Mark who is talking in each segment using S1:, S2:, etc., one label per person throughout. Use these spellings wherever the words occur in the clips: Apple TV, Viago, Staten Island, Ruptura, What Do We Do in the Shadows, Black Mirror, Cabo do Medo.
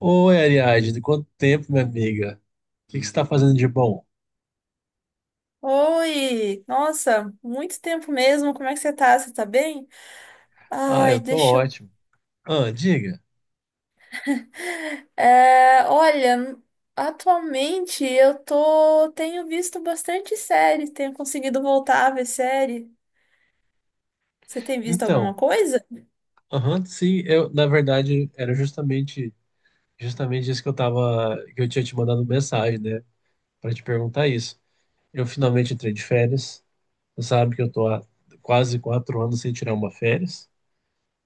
S1: Oi, Ariadne, de quanto tempo, minha amiga? O que que você está fazendo de bom?
S2: Oi! Nossa, muito tempo mesmo. Como é que você tá? Você tá bem?
S1: Ah,
S2: Ai,
S1: eu tô
S2: deixa eu.
S1: ótimo. Ah, diga.
S2: É, olha, atualmente eu tô. Tenho visto bastante série, tenho conseguido voltar a ver série. Você tem visto alguma
S1: Então,
S2: coisa?
S1: aham, sim, eu, na verdade, era justamente, justamente isso que eu tava, que eu tinha te mandado mensagem, né, para te perguntar isso. Eu finalmente entrei de férias. Você sabe que eu tô há quase quatro anos sem tirar uma férias.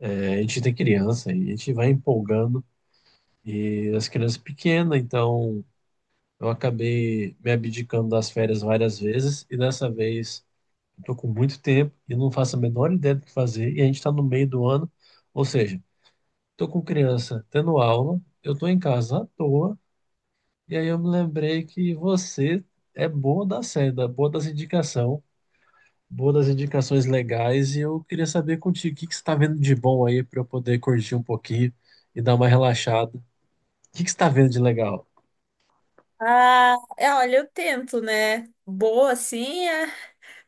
S1: É, a gente tem criança e a gente vai empolgando e as crianças pequenas, então eu acabei me abdicando das férias várias vezes e dessa vez estou com muito tempo e não faço a menor ideia do que fazer. E a gente está no meio do ano, ou seja, estou com criança tendo aula, eu estou em casa à toa. E aí eu me lembrei que você é boa da seda, boa das indicação, boa das indicações legais. E eu queria saber contigo o que que você está vendo de bom aí para eu poder curtir um pouquinho e dar uma relaxada. O que que você está vendo de legal?
S2: Ah, é, olha, eu tento, né? Boa assim, é.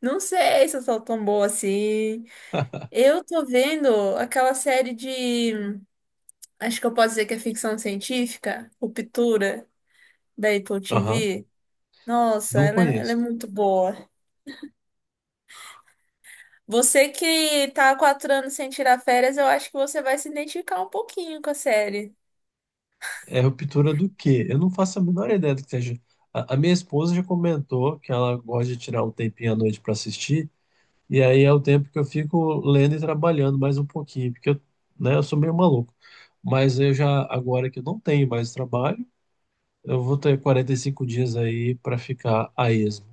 S2: Não sei se eu sou tão boa assim. Eu tô vendo aquela série de. Acho que eu posso dizer que é ficção científica, Ruptura, da Apple
S1: Aham,
S2: TV. Nossa,
S1: não
S2: ela é
S1: conheço.
S2: muito boa. Você que tá há 4 anos sem tirar férias, eu acho que você vai se identificar um pouquinho com a série.
S1: É ruptura do quê? Eu não faço a menor ideia do que seja. A minha esposa já comentou que ela gosta de tirar um tempinho à noite para assistir, e aí é o tempo que eu fico lendo e trabalhando mais um pouquinho, porque eu, né, eu sou meio maluco. Mas eu já, agora que eu não tenho mais trabalho, eu vou ter 45 dias aí para ficar a esmo.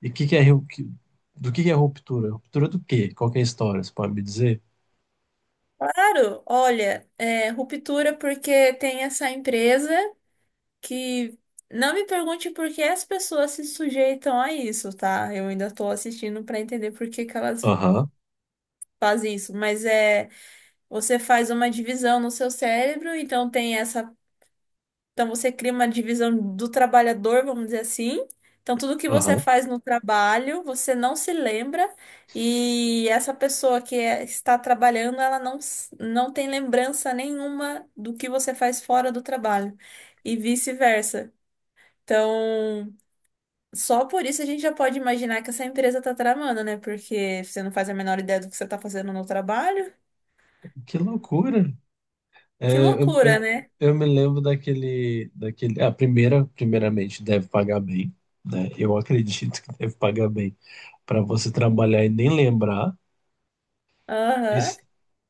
S1: E que é, do que é ruptura? Ruptura do quê? Qual que é a história? Você pode me dizer?
S2: Claro, olha, é, Ruptura porque tem essa empresa que não me pergunte por que as pessoas se sujeitam a isso, tá? Eu ainda tô assistindo pra entender por que que elas
S1: Aham,
S2: fazem isso, mas é você faz uma divisão no seu cérebro, então tem essa Então você cria uma divisão do trabalhador, vamos dizer assim. Então tudo que você
S1: aham.
S2: faz no trabalho, você não se lembra, e essa pessoa está trabalhando, ela não, não tem lembrança nenhuma do que você faz fora do trabalho e vice-versa. Então, só por isso a gente já pode imaginar que essa empresa tá tramando, né? Porque você não faz a menor ideia do que você tá fazendo no trabalho.
S1: Que loucura!
S2: Que
S1: É,
S2: loucura, né?
S1: eu me lembro daquele. A primeira, primeiramente, deve pagar bem, né? Eu acredito que deve pagar bem para você trabalhar e nem lembrar. E,
S2: Aham.
S1: s-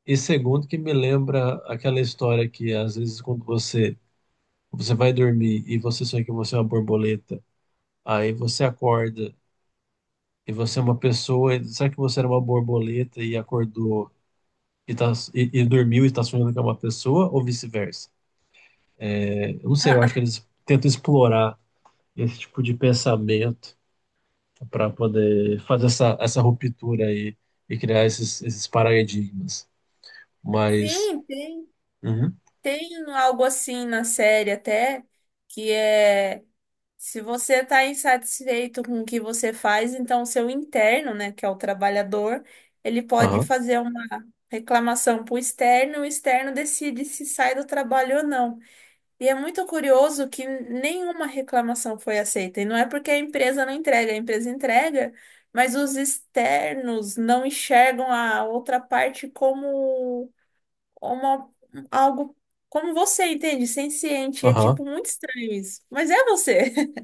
S1: e segundo, que me lembra aquela história que às vezes quando você vai dormir e você sonha que você é uma borboleta, aí você acorda e você é uma pessoa. E será que você era uma borboleta e acordou e dormiu e está sonhando que é uma pessoa ou vice-versa? É, eu não sei, eu acho que
S2: Ah,
S1: eles tentam explorar esse tipo de pensamento para poder fazer essa ruptura aí e criar esses paradigmas. Mas,
S2: sim, tem.
S1: uhum,
S2: Tem algo assim na série até, que é se você está insatisfeito com o que você faz, então seu interno, né, que é o trabalhador, ele pode
S1: aham,
S2: fazer uma reclamação para o externo decide se sai do trabalho ou não. E é muito curioso que nenhuma reclamação foi aceita. E não é porque a empresa não entrega, a empresa entrega, mas os externos não enxergam a outra parte como uma, algo como você, entende? Senciente. É
S1: aham.
S2: tipo muito estranho isso. Mas é você.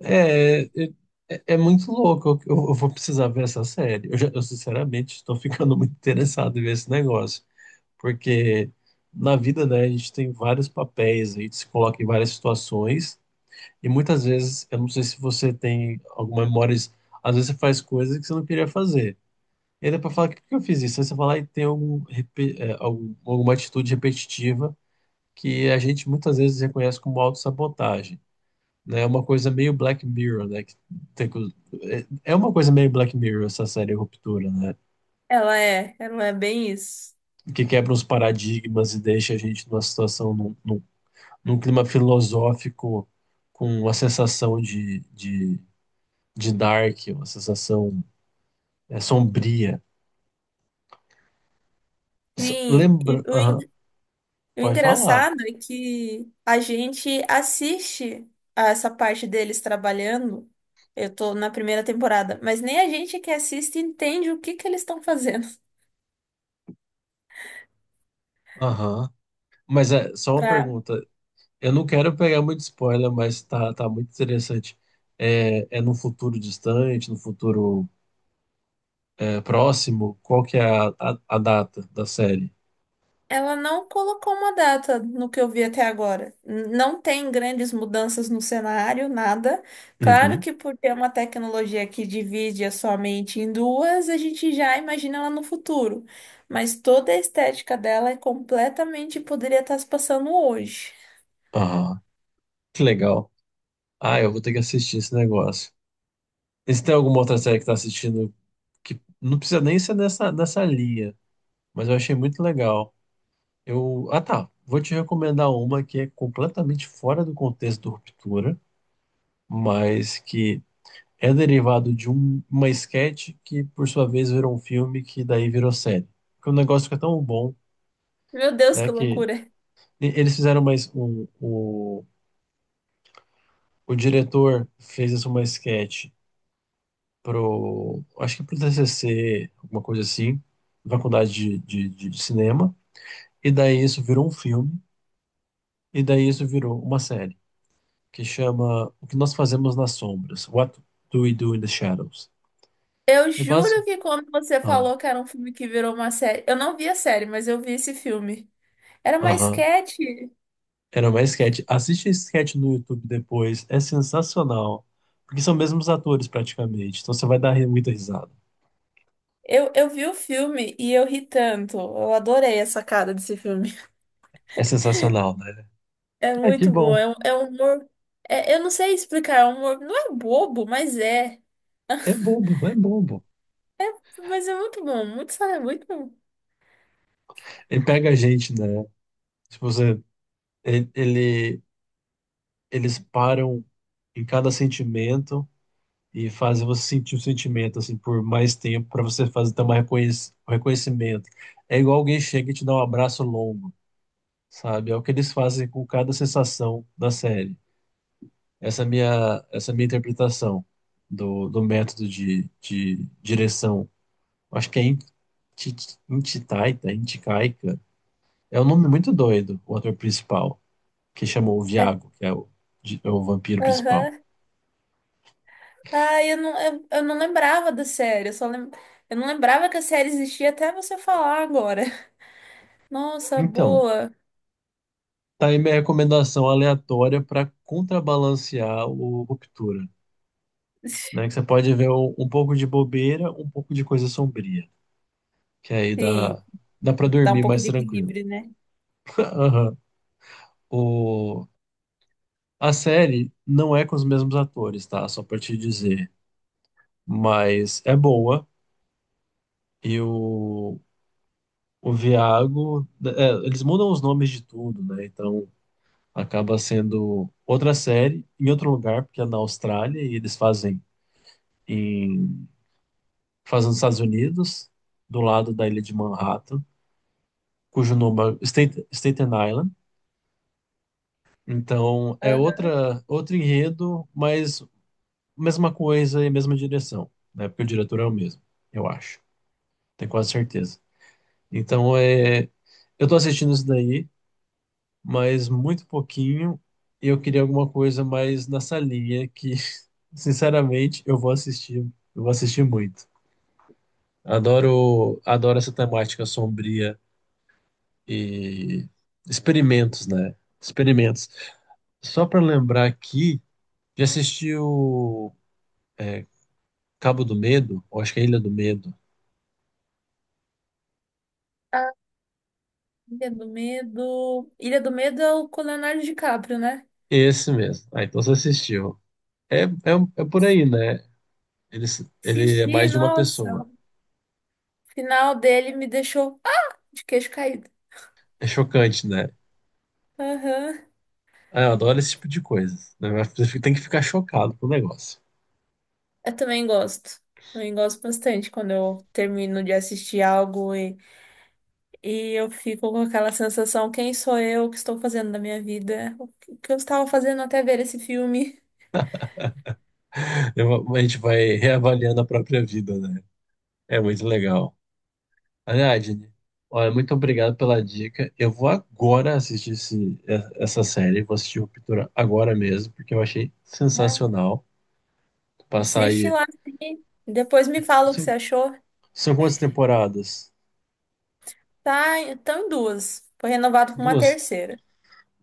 S1: É, é, é é muito louco. Eu vou precisar ver essa série. Eu sinceramente estou ficando muito interessado em ver esse negócio, porque na vida, né, a gente tem vários papéis, a gente se coloca em várias situações e muitas vezes, eu não sei se você tem alguma memória, às vezes você faz coisas que você não queria fazer. E aí depois fala, por que que eu fiz isso? Aí você fala, e tem alguma atitude repetitiva que a gente muitas vezes reconhece como autossabotagem, né? É uma coisa meio Black Mirror, né? Tem co- é é uma coisa meio Black Mirror essa série Ruptura, né?
S2: Ela é bem isso.
S1: Que quebra os paradigmas e deixa a gente numa situação, num clima filosófico, com uma de dark, uma sensação é, sombria.
S2: Sim,
S1: Lembra... Aham,
S2: o
S1: pode falar.
S2: engraçado é que a gente assiste a essa parte deles trabalhando. Eu tô na primeira temporada, mas nem a gente que assiste entende o que que eles estão fazendo.
S1: Aham. Mas é só uma
S2: Pra,
S1: pergunta. Eu não quero pegar muito spoiler, mas tá muito interessante. É, é no futuro distante, no futuro é, próximo? Qual que é a data da série?
S2: ela não colocou uma data no que eu vi até agora. Não tem grandes mudanças no cenário, nada. Claro
S1: Uhum.
S2: que por ter uma tecnologia que divide a sua mente em duas, a gente já imagina ela no futuro. Mas toda a estética dela é completamente poderia estar se passando hoje.
S1: Ah, que legal. Ah, eu vou ter que assistir esse negócio. E se tem alguma outra série que tá assistindo que não precisa nem ser nessa linha, mas eu achei muito legal. Eu, ah, tá. Vou te recomendar uma que é completamente fora do contexto do Ruptura, mas que é derivado de uma sketch que, por sua vez, virou um filme que daí virou série. Porque o negócio fica tão bom,
S2: Meu Deus, que
S1: né, que
S2: loucura!
S1: eles fizeram mais um, o diretor fez essa uma sketch pro, acho que pro TCC, alguma coisa assim, faculdade de cinema, e daí isso virou um filme, e daí isso virou uma série, que chama O que Nós Fazemos nas Sombras, What Do We Do in the Shadows?
S2: Eu
S1: E basic...
S2: juro que quando você
S1: Ah,
S2: falou que era um filme que virou uma série, eu não vi a série, mas eu vi esse filme. Era uma
S1: aham.
S2: sketch.
S1: Era mais sketch. Assiste esse sketch no YouTube depois. É sensacional. Porque são mesmos atores praticamente. Então você vai muita risada.
S2: Eu vi o filme e eu ri tanto. Eu adorei a sacada desse filme.
S1: É sensacional, né?
S2: É
S1: É que
S2: muito bom.
S1: bom.
S2: É um humor. Eu não sei explicar. É um humor. Não é bobo, mas é.
S1: É bobo.
S2: Mas é muito bom. Muito, muito bom.
S1: Ele pega a gente, né? Se você, ele, ele- eles param em cada sentimento e fazem você sentir o sentimento assim por mais tempo para você fazer ter um reconhecimento. É igual alguém chega e te dá um abraço longo, sabe? É o que eles fazem com cada sensação da série. Essa minha interpretação do método de direção. Acho que é Ti- Inticaica. É um nome muito doido, o ator principal, que chamou o
S2: É,
S1: Viago, que é é o vampiro principal.
S2: aham. Ah, eu não lembrava da série. Eu não lembrava que a série existia até você falar agora. Nossa,
S1: Então,
S2: boa.
S1: tá aí minha recomendação aleatória para contrabalancear o Ruptura, né? Que você pode ver um pouco de bobeira, um pouco de coisa sombria, que aí
S2: Sim,
S1: dá, dá para
S2: dá um
S1: dormir
S2: pouco
S1: mais
S2: de
S1: tranquilo.
S2: equilíbrio, né?
S1: Aham. O- A série não é com os mesmos atores, tá? Só pra te dizer. Mas é boa. E o Viago. É, eles mudam os nomes de tudo, né? Então acaba sendo outra série em outro lugar, porque é na Austrália e eles fazem em fazem nos Estados Unidos, do lado da ilha de Manhattan, cujo nome é Staten Island. Então é
S2: Aham.
S1: outra, outro enredo, mas mesma coisa e mesma direção, né? Porque o diretor é o mesmo, eu acho. Tenho quase certeza. Então, é, eu tô assistindo isso daí, mas muito pouquinho, e eu queria alguma coisa mais nessa linha que, sinceramente, eu vou assistir muito. Adoro, adoro essa temática sombria e experimentos, né? Experimentos. Só para lembrar aqui, já assistiu Cabo do Medo? Ou acho que é Ilha do Medo.
S2: Ah, Ilha do Medo. Ilha do Medo é o com o Leonardo DiCaprio, né?
S1: Esse mesmo. Ah, então você assistiu. É, é, é por aí, né? Ele, ele é mais
S2: Assisti,
S1: de uma
S2: nossa,
S1: pessoa.
S2: o final dele me deixou ah, de queixo caído.
S1: É chocante, né?
S2: Aham.
S1: Ah, eu adoro esse tipo de coisa, né? Mas você tem que ficar chocado com o negócio.
S2: Eu também gosto. Também gosto bastante quando eu termino de assistir algo e eu fico com aquela sensação, quem sou eu, o que estou fazendo da minha vida, o que eu estava fazendo até ver esse filme.
S1: A gente vai reavaliando a própria vida, né? É muito legal. Aliás, Jenny, olha, muito obrigado pela dica. Eu vou agora assistir essa série, vou assistir o Ruptura agora mesmo, porque eu achei
S2: Ah,
S1: sensacional. Passar
S2: assiste
S1: aí.
S2: lá sim. Depois me fala o que você
S1: São,
S2: achou.
S1: são quantas temporadas?
S2: Tá, estão em duas. Foi renovado com uma
S1: Duas?
S2: terceira.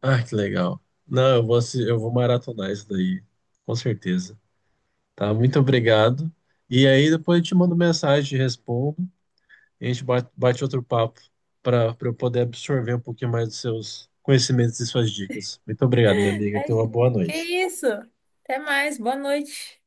S1: Ah, que legal. Não, eu vou, eu vou maratonar isso daí, com certeza. Tá, muito obrigado. E aí depois eu te mando mensagem, te respondo, e a gente bate outro papo para eu poder absorver um pouquinho mais dos seus conhecimentos e suas dicas. Muito obrigado, minha amiga. Tenha uma boa
S2: Imagina. Que
S1: noite.
S2: isso? Até mais, boa noite.